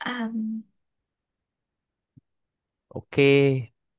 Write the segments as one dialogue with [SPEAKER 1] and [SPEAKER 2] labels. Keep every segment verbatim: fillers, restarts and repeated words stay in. [SPEAKER 1] À,
[SPEAKER 2] Ok,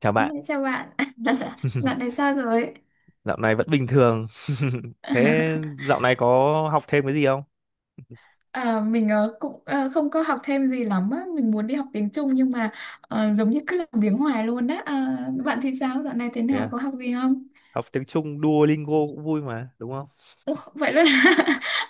[SPEAKER 2] chào bạn.
[SPEAKER 1] chào bạn, dạo này sao rồi?
[SPEAKER 2] Dạo này vẫn bình thường. Thế dạo này có học thêm cái gì không?
[SPEAKER 1] À, mình ờ, cũng ờ, không có học thêm gì lắm á, mình muốn đi học tiếng Trung nhưng mà ờ, giống như cứ làm biếng hoài luôn á. À, bạn thì sao, dạo này thế
[SPEAKER 2] Thế
[SPEAKER 1] nào,
[SPEAKER 2] à?
[SPEAKER 1] có học gì không?
[SPEAKER 2] Học tiếng Trung Duolingo cũng vui mà, đúng không?
[SPEAKER 1] Ủa, vậy luôn là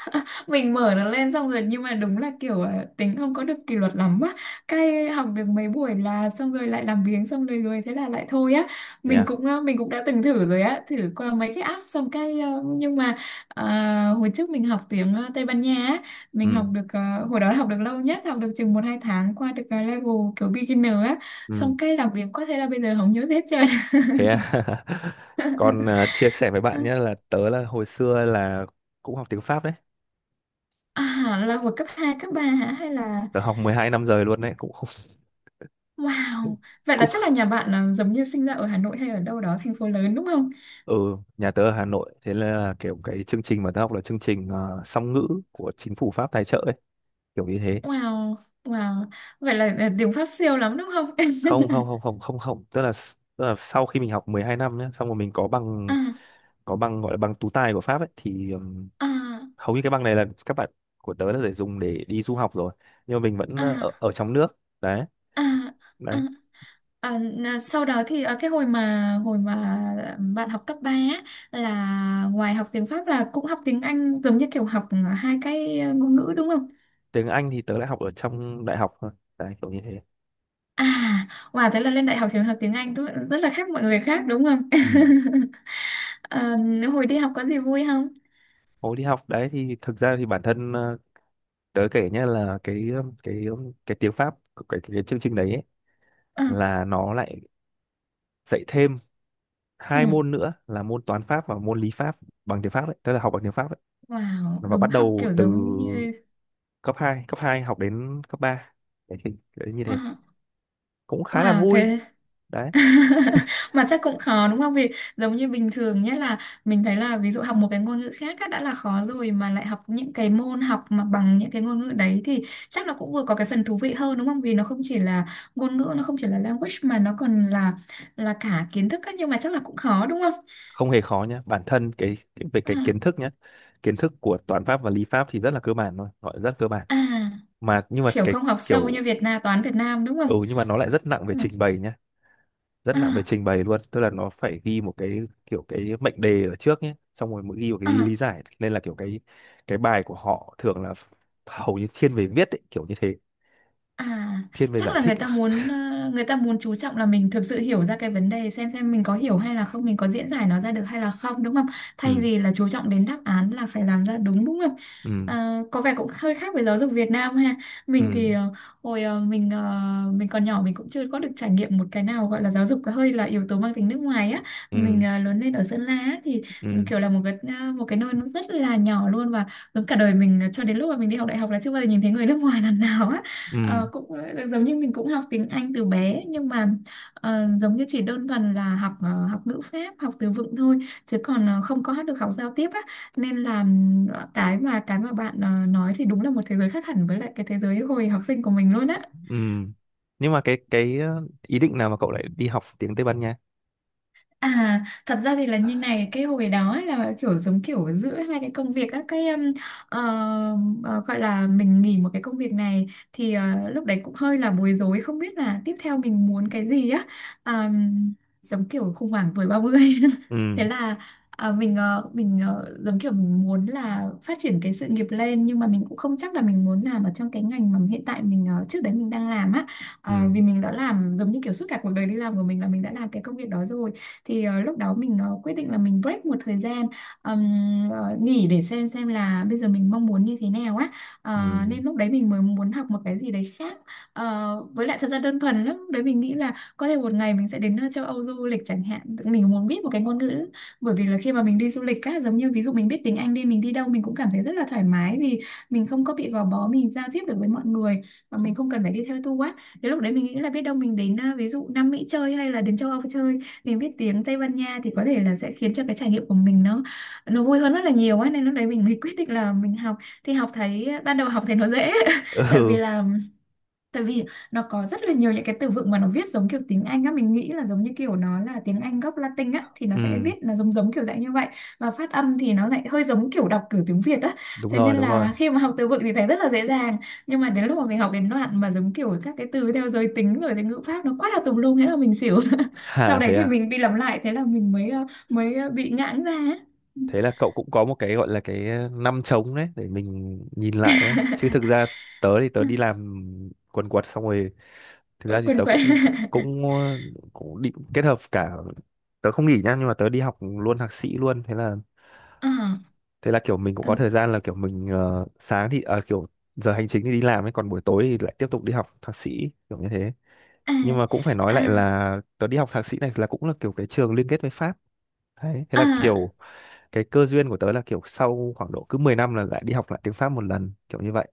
[SPEAKER 1] mình mở nó lên xong rồi nhưng mà đúng là kiểu à, tính không có được kỷ luật lắm á, cái học được mấy buổi là xong rồi lại làm biếng xong rồi lười thế là lại thôi á.
[SPEAKER 2] Thế
[SPEAKER 1] Mình
[SPEAKER 2] à?
[SPEAKER 1] cũng à, mình cũng đã từng thử rồi á, thử qua mấy cái app xong cái à, nhưng mà à, hồi trước mình học tiếng à, Tây Ban Nha á, mình học
[SPEAKER 2] Ừ,
[SPEAKER 1] được à, hồi đó học được lâu nhất học được chừng một hai tháng, qua được à, level kiểu beginner á,
[SPEAKER 2] ừ.
[SPEAKER 1] xong cái làm biếng quá thế là bây giờ không nhớ hết trơn.
[SPEAKER 2] Thế à? Còn à, chia sẻ với bạn nhé là tớ là hồi xưa là cũng học tiếng Pháp đấy.
[SPEAKER 1] À, là hồi cấp hai cấp ba hả hay là
[SPEAKER 2] Tớ học mười hai năm rồi luôn đấy, cũng không.
[SPEAKER 1] Wow, vậy là
[SPEAKER 2] Cũng
[SPEAKER 1] chắc là nhà bạn à, giống như sinh ra ở Hà Nội hay ở đâu đó thành phố lớn đúng không?
[SPEAKER 2] ừ, nhà tớ ở Hà Nội, thế là kiểu cái chương trình mà tớ học là chương trình à, song ngữ của chính phủ Pháp tài trợ ấy, kiểu như thế.
[SPEAKER 1] Wow, wow, vậy là à, tiếng Pháp siêu lắm đúng không?
[SPEAKER 2] Không không không không không không, tức là tức là sau khi mình học mười hai năm nhé, xong rồi mình có bằng,
[SPEAKER 1] à,
[SPEAKER 2] có bằng gọi là bằng tú tài của Pháp ấy thì, ừm,
[SPEAKER 1] à,
[SPEAKER 2] hầu như cái bằng này là các bạn của tớ là để dùng để đi du học rồi, nhưng mà mình vẫn ờ,
[SPEAKER 1] à,
[SPEAKER 2] ở, ở trong nước. Đấy.
[SPEAKER 1] à, à.
[SPEAKER 2] đấy
[SPEAKER 1] À, n- sau đó thì à, cái hồi mà hồi mà bạn học cấp ba á, là ngoài học tiếng Pháp là cũng học tiếng Anh giống như kiểu học à, hai cái à, ngôn ngữ đúng không?
[SPEAKER 2] tiếng Anh thì tớ lại học ở trong đại học thôi, đấy kiểu như thế.
[SPEAKER 1] À, wow, thế là lên đại học thì học tiếng Anh tức là rất là khác mọi người khác đúng không?
[SPEAKER 2] Ừ.
[SPEAKER 1] À, hồi đi học có gì vui không?
[SPEAKER 2] Hồi đi học đấy thì thực ra thì bản thân, ờ, tớ kể nhé, là cái cái cái tiếng Pháp của cái, cái, cái chương trình đấy ấy,
[SPEAKER 1] Ừ,
[SPEAKER 2] là nó lại dạy thêm
[SPEAKER 1] ừ.
[SPEAKER 2] hai môn nữa là môn toán Pháp và môn lý Pháp, bằng tiếng Pháp đấy, tức là học bằng tiếng Pháp ấy,
[SPEAKER 1] Wow,
[SPEAKER 2] và
[SPEAKER 1] đúng
[SPEAKER 2] bắt
[SPEAKER 1] học
[SPEAKER 2] đầu
[SPEAKER 1] kiểu
[SPEAKER 2] từ
[SPEAKER 1] giống như
[SPEAKER 2] cấp hai, cấp hai học đến cấp ba. Đấy, thì, đấy như
[SPEAKER 1] Ờ,
[SPEAKER 2] thế, cũng khá là
[SPEAKER 1] wow,
[SPEAKER 2] vui.
[SPEAKER 1] thế
[SPEAKER 2] Đấy,
[SPEAKER 1] mà chắc cũng khó đúng không? Vì giống như bình thường nhất là mình thấy là ví dụ học một cái ngôn ngữ khác á, đã là khó rồi mà lại học những cái môn học mà bằng những cái ngôn ngữ đấy thì chắc nó cũng vừa có cái phần thú vị hơn đúng không? Vì nó không chỉ là ngôn ngữ, nó không chỉ là language mà nó còn là là cả kiến thức á, nhưng mà chắc là cũng khó đúng không?
[SPEAKER 2] không hề khó nhá. Bản thân cái, cái về cái
[SPEAKER 1] À,
[SPEAKER 2] kiến thức nhá. Kiến thức của toán Pháp và lý Pháp thì rất là cơ bản thôi, gọi là rất cơ bản.
[SPEAKER 1] à,
[SPEAKER 2] Mà nhưng mà
[SPEAKER 1] kiểu
[SPEAKER 2] cái
[SPEAKER 1] không học sâu như
[SPEAKER 2] kiểu,
[SPEAKER 1] Việt Nam, toán Việt Nam đúng
[SPEAKER 2] ừ
[SPEAKER 1] không?
[SPEAKER 2] nhưng mà nó lại rất nặng về
[SPEAKER 1] Ừ.
[SPEAKER 2] trình bày nhá, rất nặng về
[SPEAKER 1] À,
[SPEAKER 2] trình bày luôn, tức là nó phải ghi một cái kiểu cái mệnh đề ở trước nhé, xong rồi mới ghi một cái lý, lý
[SPEAKER 1] à.
[SPEAKER 2] giải, nên là kiểu cái cái bài của họ thường là hầu như thiên về viết ấy, kiểu như thế,
[SPEAKER 1] À,
[SPEAKER 2] thiên về
[SPEAKER 1] chắc
[SPEAKER 2] giải
[SPEAKER 1] là
[SPEAKER 2] thích.
[SPEAKER 1] người ta muốn ờ, người ta muốn chú trọng là mình thực sự hiểu ra cái vấn đề xem xem mình có hiểu hay là không, mình có diễn giải nó ra được hay là không đúng không? Thay
[SPEAKER 2] Ừ,
[SPEAKER 1] vì là chú trọng đến đáp án là phải làm ra đúng đúng không?
[SPEAKER 2] ừ,
[SPEAKER 1] Ờ, có vẻ cũng hơi khác với giáo dục Việt Nam ha. Mình
[SPEAKER 2] ừ,
[SPEAKER 1] thì ờ, hồi ờ, mình ờ, mình còn nhỏ mình cũng chưa có được trải nghiệm một cái nào gọi là giáo dục hơi là yếu tố mang tính nước ngoài á. Mình
[SPEAKER 2] ừ,
[SPEAKER 1] ờ, lớn lên ở Sơn La á, thì ừ,
[SPEAKER 2] ừ,
[SPEAKER 1] kiểu là một cái ờ, một cái nơi nó rất là nhỏ luôn và giống cả đời mình ờ, cho đến lúc mà mình đi học đại học là chưa bao giờ nhìn thấy người nước ngoài lần nào á.
[SPEAKER 2] ừ,
[SPEAKER 1] Ờ, cũng ờ, giống như mình cũng học tiếng Anh từ bé nhưng mà ờ, giống như chỉ đơn thuần là học ờ, học ngữ pháp học từ vựng thôi, chứ còn ờ, không có được học giao tiếp á, nên là ừm, cái mà cái mà bạn ờ, nói thì đúng là một thế giới khác hẳn với lại cái thế giới hồi học sinh của mình luôn á.
[SPEAKER 2] ừ, nhưng mà cái cái ờ, ý định nào mà cậu lại đi học tiếng Tây Ban Nha?
[SPEAKER 1] À, thật ra thì là như này, cái hồi đó ấy là kiểu giống kiểu giữa hai cái công việc á, cái um, ờ, ờ, gọi là mình nghỉ một cái công việc này thì ờ, lúc đấy cũng hơi là bối rối không biết là tiếp theo mình muốn cái gì á. À, giống kiểu khủng hoảng tuổi ba mươi
[SPEAKER 2] Ừ,
[SPEAKER 1] thế là à, mình ờ, mình ờ, giống kiểu mình muốn là phát triển cái sự nghiệp lên nhưng mà mình cũng không chắc là mình muốn làm ở trong cái ngành mà hiện tại mình ờ, trước đấy mình đang làm á. Ờ,
[SPEAKER 2] ừ,
[SPEAKER 1] vì mình đã làm giống như kiểu suốt cả cuộc đời đi làm của mình là mình đã làm cái công việc đó rồi, thì ờ, lúc đó mình ờ, quyết định là mình break một thời gian, ừm, ờ, nghỉ để xem xem là bây giờ mình mong muốn như thế nào á. Ờ,
[SPEAKER 2] ừ,
[SPEAKER 1] nên lúc đấy mình mới muốn học một cái gì đấy khác. Ờ, với lại thật ra đơn thuần lắm, lúc đấy mình nghĩ là có thể một ngày mình sẽ đến ờ, châu Âu du lịch chẳng hạn. Tự mình muốn biết một cái ngôn ngữ, bởi vì là khi mà mình đi du lịch á, giống như ví dụ mình biết tiếng Anh đi, mình đi đâu mình cũng cảm thấy rất là thoải mái, vì mình không có bị gò bó, mình giao tiếp được với mọi người và mình không cần phải đi theo tour á. Thế lúc đấy mình nghĩ là biết đâu mình đến à, ví dụ Nam Mỹ chơi hay là đến châu Âu chơi, mình biết tiếng Tây Ban Nha thì có thể là sẽ khiến cho cái trải nghiệm của mình nó nó vui hơn rất là nhiều ấy, nên lúc đấy mình mới quyết định là mình học. Thì học thấy ban đầu học thấy nó dễ, tại vì
[SPEAKER 2] ừ,
[SPEAKER 1] là Tại vì nó có rất là nhiều những cái từ vựng mà nó viết giống kiểu tiếng Anh á, mình nghĩ là giống như kiểu nó là tiếng Anh gốc Latin á thì nó sẽ
[SPEAKER 2] ừ,
[SPEAKER 1] viết là giống giống kiểu dạng như vậy, và phát âm thì nó lại hơi giống kiểu đọc kiểu tiếng Việt á.
[SPEAKER 2] đúng
[SPEAKER 1] Thế
[SPEAKER 2] rồi,
[SPEAKER 1] nên
[SPEAKER 2] đúng rồi.
[SPEAKER 1] là khi mà học từ vựng thì thấy rất là dễ dàng, nhưng mà đến lúc mà mình học đến đoạn mà giống kiểu các cái từ theo giới tính rồi thì ngữ pháp nó quá là tùm lum, thế là mình xỉu. Sau
[SPEAKER 2] à
[SPEAKER 1] đấy
[SPEAKER 2] thế
[SPEAKER 1] thì
[SPEAKER 2] à?
[SPEAKER 1] mình đi làm lại thế là mình mới ờ, mới ờ, bị ngãng ra á.
[SPEAKER 2] Thế là cậu cũng có một cái gọi là cái ờ, năm trống đấy để mình nhìn lại đấy chứ, thực ra tớ thì tớ đi làm quần quật xong rồi, thực ra thì
[SPEAKER 1] Quên
[SPEAKER 2] tớ
[SPEAKER 1] quên.
[SPEAKER 2] cũng, cũng ờ, cũng định kết hợp cả, tớ không nghỉ nhá nhưng mà tớ đi học luôn thạc sĩ luôn, thế là
[SPEAKER 1] Ờ,
[SPEAKER 2] thế là kiểu mình cũng
[SPEAKER 1] ừ,
[SPEAKER 2] có thời gian là kiểu mình, ờ, sáng thì, ờ, kiểu giờ hành chính thì đi làm ấy, còn buổi tối thì lại tiếp tục đi học thạc sĩ kiểu như thế.
[SPEAKER 1] à,
[SPEAKER 2] Nhưng mà cũng phải nói
[SPEAKER 1] à,
[SPEAKER 2] lại là tớ đi học thạc sĩ này là cũng là kiểu cái trường liên kết với Pháp đấy, thế là
[SPEAKER 1] à.
[SPEAKER 2] kiểu cái cơ duyên của tớ là kiểu sau khoảng độ cứ mười năm là lại đi học lại tiếng Pháp một lần, kiểu như vậy,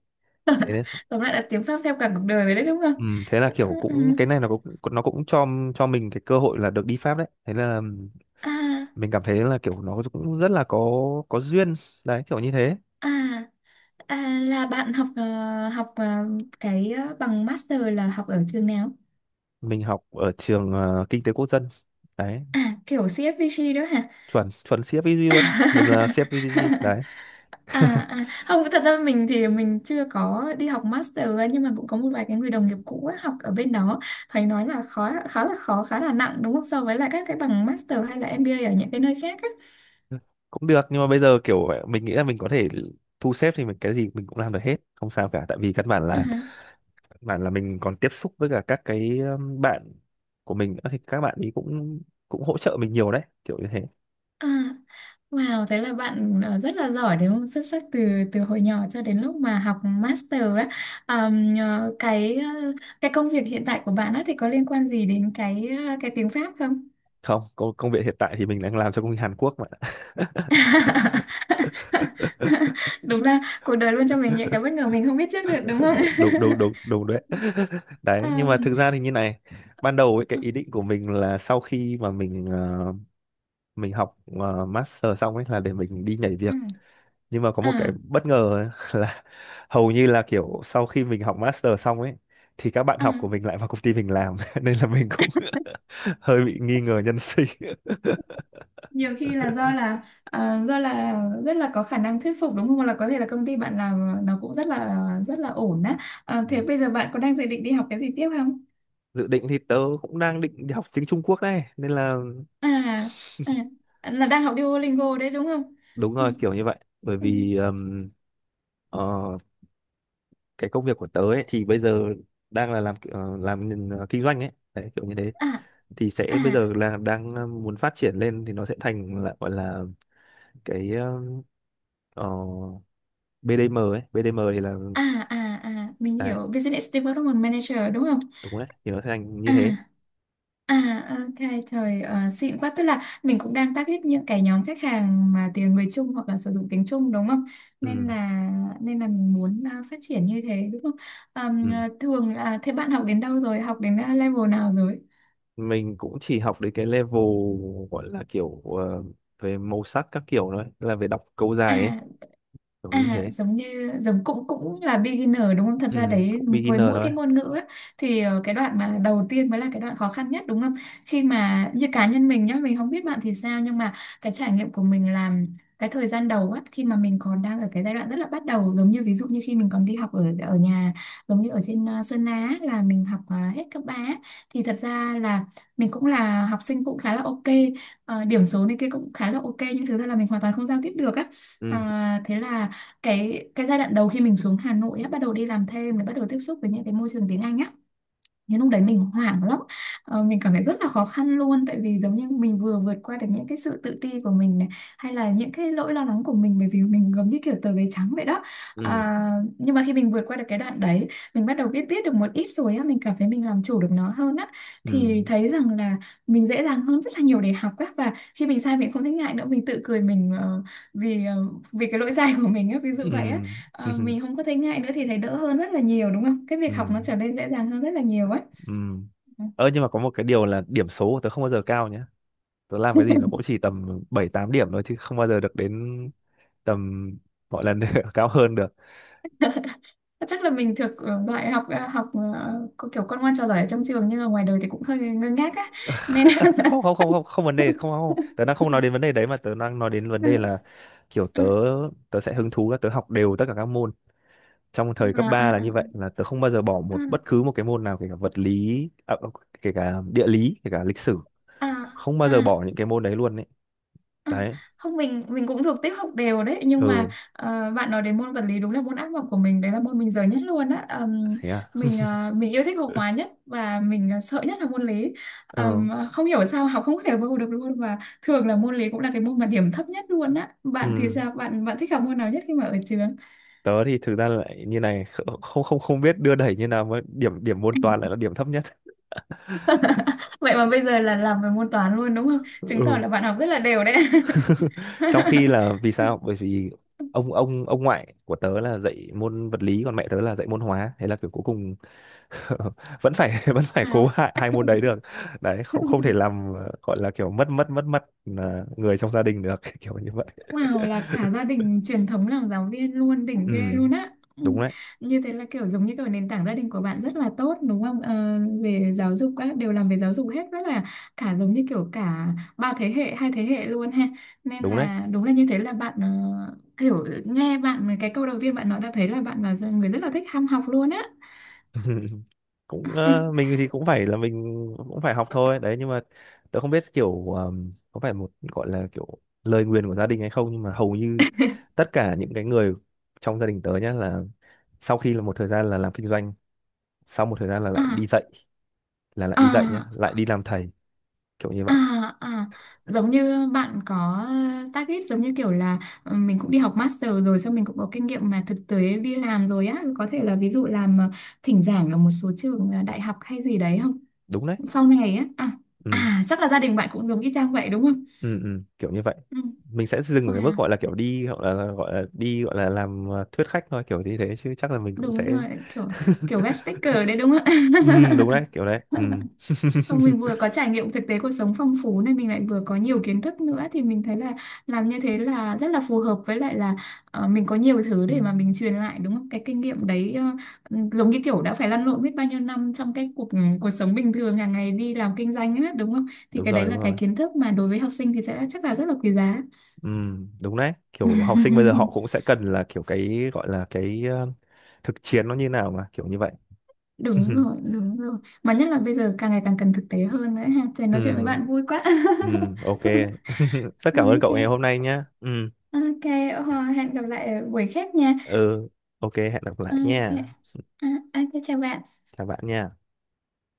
[SPEAKER 2] thế đấy.
[SPEAKER 1] Tóm lại là tiếng Pháp theo cả cuộc đời rồi đấy đúng
[SPEAKER 2] Ừ,
[SPEAKER 1] không?
[SPEAKER 2] thế là
[SPEAKER 1] Ờ,
[SPEAKER 2] kiểu
[SPEAKER 1] ờ,
[SPEAKER 2] cũng cái này nó cũng, nó cũng cho cho mình cái cơ hội là được đi Pháp đấy, thế là
[SPEAKER 1] ờ. À,
[SPEAKER 2] mình cảm thấy là kiểu nó cũng rất là có, có duyên, đấy kiểu như thế.
[SPEAKER 1] à, à là bạn học ờ, học ờ, cái ờ, bằng master là học ở trường nào?
[SPEAKER 2] Mình học ở trường, ờ, kinh tế quốc dân đấy.
[SPEAKER 1] À kiểu xê ép vê giê đó hả?
[SPEAKER 2] Chuẩn chuẩn xê ép vê giê luôn, mình là xê ép vê giê đấy.
[SPEAKER 1] À, à không, thật ra mình thì mình chưa có đi học master ấy, nhưng mà cũng có một vài cái người đồng nghiệp cũ ấy, học ở bên đó, thầy nói là khó, khá là khó khá là nặng đúng không, so với lại các cái bằng master hay là em bê a ở những cái nơi khác á.
[SPEAKER 2] Cũng được nhưng mà bây giờ kiểu mình nghĩ là mình có thể thu xếp thì mình cái gì mình cũng làm được hết, không sao cả, tại vì căn bản
[SPEAKER 1] À,
[SPEAKER 2] là căn bản là mình còn tiếp xúc với cả các cái, um, bạn của mình nữa thì các bạn ấy cũng, cũng hỗ trợ mình nhiều đấy kiểu như thế.
[SPEAKER 1] à. Wow, thế là bạn ờ, rất là giỏi đúng không? Xuất sắc từ từ hồi nhỏ cho đến lúc mà học master á. Ờm, ờ, cái ờ, cái công việc hiện tại của bạn á thì có liên quan gì đến cái ờ, cái tiếng Pháp không?
[SPEAKER 2] Không, công, công việc hiện tại thì mình đang làm cho công ty Hàn Quốc mà.
[SPEAKER 1] Đúng là cuộc đời luôn cho mình những cái bất ngờ mình không biết trước được đúng không?
[SPEAKER 2] Đúng đúng đúng đúng đấy. Đấy nhưng mà
[SPEAKER 1] Ờm,
[SPEAKER 2] thực ra thì như này, ban đầu ấy, cái
[SPEAKER 1] ờ,
[SPEAKER 2] ý định của mình là sau khi mà mình, ờ, mình học, ờ, master xong ấy là để mình đi nhảy
[SPEAKER 1] ừ.
[SPEAKER 2] việc, nhưng mà có một cái
[SPEAKER 1] À,
[SPEAKER 2] bất ngờ ấy là, hầu như là kiểu sau khi mình học master xong ấy thì các bạn
[SPEAKER 1] à,
[SPEAKER 2] học của mình lại vào công ty mình làm. Nên là mình cũng hơi bị nghi ngờ nhân sinh.
[SPEAKER 1] nhiều khi là do là à, do là rất là có khả năng thuyết phục đúng không? Hoặc là có thể là công ty bạn làm nó cũng rất là rất là ổn á. À,
[SPEAKER 2] Ừ.
[SPEAKER 1] thế bây giờ bạn có đang dự định đi học cái gì tiếp không?
[SPEAKER 2] Dự định thì tớ cũng đang định đi học tiếng Trung Quốc đấy, nên là
[SPEAKER 1] À, à là đang học Duolingo đấy đúng không?
[SPEAKER 2] đúng
[SPEAKER 1] Ừ,
[SPEAKER 2] rồi, kiểu như vậy. Bởi
[SPEAKER 1] ừ.
[SPEAKER 2] vì, ờm, ờ, cái công việc của tớ ấy, thì bây giờ đang là làm, ờ, làm ờ, kinh doanh ấy đấy kiểu như thế,
[SPEAKER 1] À,
[SPEAKER 2] thì sẽ
[SPEAKER 1] à,
[SPEAKER 2] bây giờ là đang, ờ, muốn phát triển lên thì nó sẽ thành là gọi là cái, ờ, bê đê em ấy, bê đê em thì là,
[SPEAKER 1] à, à, à, mình
[SPEAKER 2] đấy,
[SPEAKER 1] hiểu business development manager đúng không?
[SPEAKER 2] đúng đấy, thì nó sẽ thành như
[SPEAKER 1] À,
[SPEAKER 2] thế.
[SPEAKER 1] à, ok, trời ờ, xịn quá. Tức là mình cũng đang target những cái nhóm khách hàng mà tiếng người Trung hoặc là sử dụng tiếng Trung đúng không? Nên
[SPEAKER 2] Ừ,
[SPEAKER 1] là nên là mình muốn ờ, phát triển như thế đúng không? Ờm,
[SPEAKER 2] ừ.
[SPEAKER 1] ờ, thường là thế bạn học đến đâu rồi? Học đến ờ, level nào rồi?
[SPEAKER 2] Mình cũng chỉ học đến cái level gọi là kiểu, ờ, về màu sắc các kiểu thôi, là về đọc câu dài ấy
[SPEAKER 1] À,
[SPEAKER 2] kiểu như
[SPEAKER 1] à,
[SPEAKER 2] thế.
[SPEAKER 1] giống như giống cũng cũng là beginner đúng không? Thật ra
[SPEAKER 2] Ừ,
[SPEAKER 1] đấy
[SPEAKER 2] cũng
[SPEAKER 1] với
[SPEAKER 2] beginner
[SPEAKER 1] mỗi
[SPEAKER 2] thôi.
[SPEAKER 1] cái ngôn ngữ á, thì ờ, cái đoạn mà đầu tiên mới là cái đoạn khó khăn nhất đúng không? Khi mà như cá nhân mình nhá, mình không biết bạn thì sao nhưng mà cái trải nghiệm của mình làm cái thời gian đầu á, khi mà mình còn đang ở cái giai đoạn rất là bắt đầu, giống như ví dụ như khi mình còn đi học ở ở nhà, giống như ở trên ờ, Sơn Á là mình học ờ, hết cấp ba á, thì thật ra là mình cũng là học sinh cũng khá là ok, ờ, điểm số này kia cũng khá là ok, nhưng thực ra là mình hoàn toàn không giao tiếp được á. Ờ,
[SPEAKER 2] Ừ,
[SPEAKER 1] thế là cái cái giai đoạn đầu khi mình xuống Hà Nội á, bắt đầu đi làm thêm, bắt đầu tiếp xúc với những cái môi trường tiếng Anh á, nhưng lúc đấy mình hoảng lắm. ờ, mình cảm thấy rất là khó khăn luôn, tại vì giống như mình vừa vượt qua được những cái sự tự ti của mình này, hay là những cái lỗi lo lắng của mình, bởi vì mình giống như kiểu tờ giấy trắng vậy đó.
[SPEAKER 2] ừ,
[SPEAKER 1] À, nhưng mà khi mình vượt qua được cái đoạn đấy, mình bắt đầu biết biết được một ít rồi á, mình cảm thấy mình làm chủ được nó hơn á,
[SPEAKER 2] ừ,
[SPEAKER 1] thì thấy rằng là mình dễ dàng hơn rất là nhiều để học á, và khi mình sai mình không thấy ngại nữa, mình tự cười mình ờ, vì ờ, vì cái lỗi sai của mình á, ví dụ vậy á.
[SPEAKER 2] ừ.
[SPEAKER 1] À, mình không có thấy ngại nữa thì thấy đỡ hơn rất là nhiều đúng không? Cái
[SPEAKER 2] Ừ.
[SPEAKER 1] việc học nó trở nên dễ dàng hơn rất là nhiều ấy.
[SPEAKER 2] Ừ.
[SPEAKER 1] Ừ.
[SPEAKER 2] Ơ nhưng mà có một cái điều là điểm số của tớ không bao giờ cao nhé. Tớ làm cái gì nó cũng chỉ tầm bảy tám điểm thôi chứ không bao giờ được đến tầm gọi là cao hơn được.
[SPEAKER 1] Chắc là mình thuộc ờ, loại học, ờ, học ờ, có kiểu con ngoan trò giỏi ở trong trường, nhưng mà ngoài đời thì cũng hơi ngơ ngác á, nên
[SPEAKER 2] Không không không không không vấn đề, không không. Tớ đang không nói đến vấn đề đấy mà tớ đang nói đến vấn
[SPEAKER 1] à,
[SPEAKER 2] đề là kiểu tớ, tớ sẽ hứng thú là tớ học đều tất cả các môn. Trong thời cấp
[SPEAKER 1] à,
[SPEAKER 2] ba là
[SPEAKER 1] à,
[SPEAKER 2] như vậy, là tớ không bao giờ bỏ
[SPEAKER 1] à,
[SPEAKER 2] một bất cứ một cái môn nào, kể cả vật lý, à, kể cả địa lý, kể cả lịch sử,
[SPEAKER 1] à,
[SPEAKER 2] không bao
[SPEAKER 1] à,
[SPEAKER 2] giờ
[SPEAKER 1] à.
[SPEAKER 2] bỏ những cái môn đấy luôn ấy.
[SPEAKER 1] Ừ,
[SPEAKER 2] Đấy.
[SPEAKER 1] không, mình mình cũng thuộc tiếp học đều đấy, nhưng mà
[SPEAKER 2] Ừ,
[SPEAKER 1] ờ, bạn nói đến môn vật lý đúng là môn ác mộng của mình đấy, là môn mình dở nhất luôn á. Ờm,
[SPEAKER 2] thế à.
[SPEAKER 1] mình ờ, mình yêu thích học hóa nhất, và mình ờ, sợ nhất là môn lý.
[SPEAKER 2] Ừ.
[SPEAKER 1] Ờm, không hiểu sao học không có thể vô được luôn, và thường là môn lý cũng là cái môn mà điểm thấp nhất luôn á. Bạn thì
[SPEAKER 2] Ừ.
[SPEAKER 1] sao, bạn bạn thích học môn nào nhất khi mà ở trường?
[SPEAKER 2] Tớ thì thực ra lại như này, kh- không không không biết đưa đẩy như nào mà điểm điểm môn toán lại là điểm thấp nhất.
[SPEAKER 1] Vậy mà bây giờ là làm về môn toán luôn đúng không, chứng tỏ
[SPEAKER 2] Ừ.
[SPEAKER 1] là bạn học rất là đều đấy.
[SPEAKER 2] Trong khi là vì sao, bởi vì ông ông ông ngoại của tớ là dạy môn vật lý, còn mẹ tớ là dạy môn hóa, thế là kiểu cuối cùng vẫn phải vẫn phải cố
[SPEAKER 1] Wow.
[SPEAKER 2] hai, hai môn đấy được, đấy, không không thể làm, ờ, gọi là kiểu mất mất mất mất, ờ, người trong gia đình được, kiểu như vậy.
[SPEAKER 1] Wow, là cả gia đình truyền thống làm giáo viên luôn, đỉnh
[SPEAKER 2] Ừ,
[SPEAKER 1] ghê luôn á. Ừ,
[SPEAKER 2] đúng đấy,
[SPEAKER 1] như thế là kiểu giống như kiểu nền tảng gia đình của bạn rất là tốt đúng không? Ờ, về giáo dục các đều làm về giáo dục hết, rất là cả giống như kiểu cả ba thế hệ, hai thế hệ luôn ha. Nên
[SPEAKER 2] đúng đấy.
[SPEAKER 1] là đúng là như thế, là bạn ờ, kiểu nghe bạn cái câu đầu tiên bạn nói đã thấy là bạn là người rất là thích ham học luôn á.
[SPEAKER 2] Cũng, ờ, mình thì cũng phải là mình cũng phải học thôi đấy, nhưng mà tớ không biết kiểu, ờm, có phải một gọi là kiểu lời nguyền của gia đình hay không, nhưng mà hầu như tất cả những cái người trong gia đình tớ nhá là, sau khi là một thời gian là làm kinh doanh, sau một thời gian là lại đi
[SPEAKER 1] À,
[SPEAKER 2] dạy, là lại
[SPEAKER 1] à.
[SPEAKER 2] đi dạy nhá, lại đi làm thầy, kiểu như
[SPEAKER 1] À,
[SPEAKER 2] vậy.
[SPEAKER 1] à, giống như bạn có ờ, target giống như kiểu là ờ, mình cũng đi học master rồi, xong mình cũng có kinh nghiệm mà thực tế đi làm rồi á, có thể là ví dụ làm ờ, thỉnh giảng ở một số trường ờ, đại học hay gì đấy không,
[SPEAKER 2] Đúng đấy.
[SPEAKER 1] sau này á. À,
[SPEAKER 2] Ừ,
[SPEAKER 1] à chắc là gia đình bạn cũng giống y chang vậy đúng không?
[SPEAKER 2] ừ, ừ, kiểu như vậy.
[SPEAKER 1] Ừ.
[SPEAKER 2] Mình sẽ dừng ở cái mức
[SPEAKER 1] Wow,
[SPEAKER 2] gọi là kiểu đi, hoặc là gọi là đi, gọi là làm, ờ, thuyết khách thôi kiểu như thế chứ chắc là mình cũng
[SPEAKER 1] đúng
[SPEAKER 2] sẽ.
[SPEAKER 1] rồi, kiểu kiểu guest speaker đấy đúng không?
[SPEAKER 2] Ừ, đúng đấy, kiểu đấy. Ừ.
[SPEAKER 1] Xong mình vừa có trải nghiệm thực tế cuộc sống phong phú, nên mình lại vừa có nhiều kiến thức nữa, thì mình thấy là làm như thế là rất là phù hợp, với lại là ờ, mình có nhiều thứ để mà mình truyền lại đúng không? Cái kinh nghiệm đấy, ờ, ừ, giống như kiểu đã phải lăn lộn biết bao nhiêu năm trong cái cuộc, ừ, cuộc sống bình thường hàng ngày đi làm kinh doanh á đúng không? Thì
[SPEAKER 2] Đúng
[SPEAKER 1] cái
[SPEAKER 2] rồi,
[SPEAKER 1] đấy
[SPEAKER 2] đúng
[SPEAKER 1] là cái
[SPEAKER 2] rồi.
[SPEAKER 1] kiến thức mà đối với học sinh thì sẽ chắc là rất là quý giá.
[SPEAKER 2] Ừ, đúng đấy, kiểu học sinh bây giờ họ cũng sẽ cần là kiểu cái gọi là cái, ờ, thực chiến nó như nào mà kiểu như vậy.
[SPEAKER 1] Đúng rồi, đúng rồi. Mà nhất là bây giờ càng ngày càng cần thực tế hơn nữa ha. Trời,
[SPEAKER 2] Ừ,
[SPEAKER 1] nói chuyện với bạn vui quá.
[SPEAKER 2] ừ, ok, rất cảm ơn
[SPEAKER 1] Ok.
[SPEAKER 2] cậu ngày hôm nay nhé. Ừ,
[SPEAKER 1] Ok, ờ, hẹn gặp lại ở buổi khác nha.
[SPEAKER 2] ừ, ok, hẹn gặp lại
[SPEAKER 1] Ok,
[SPEAKER 2] nha.
[SPEAKER 1] à, ok, chào bạn.
[SPEAKER 2] Chào bạn nha.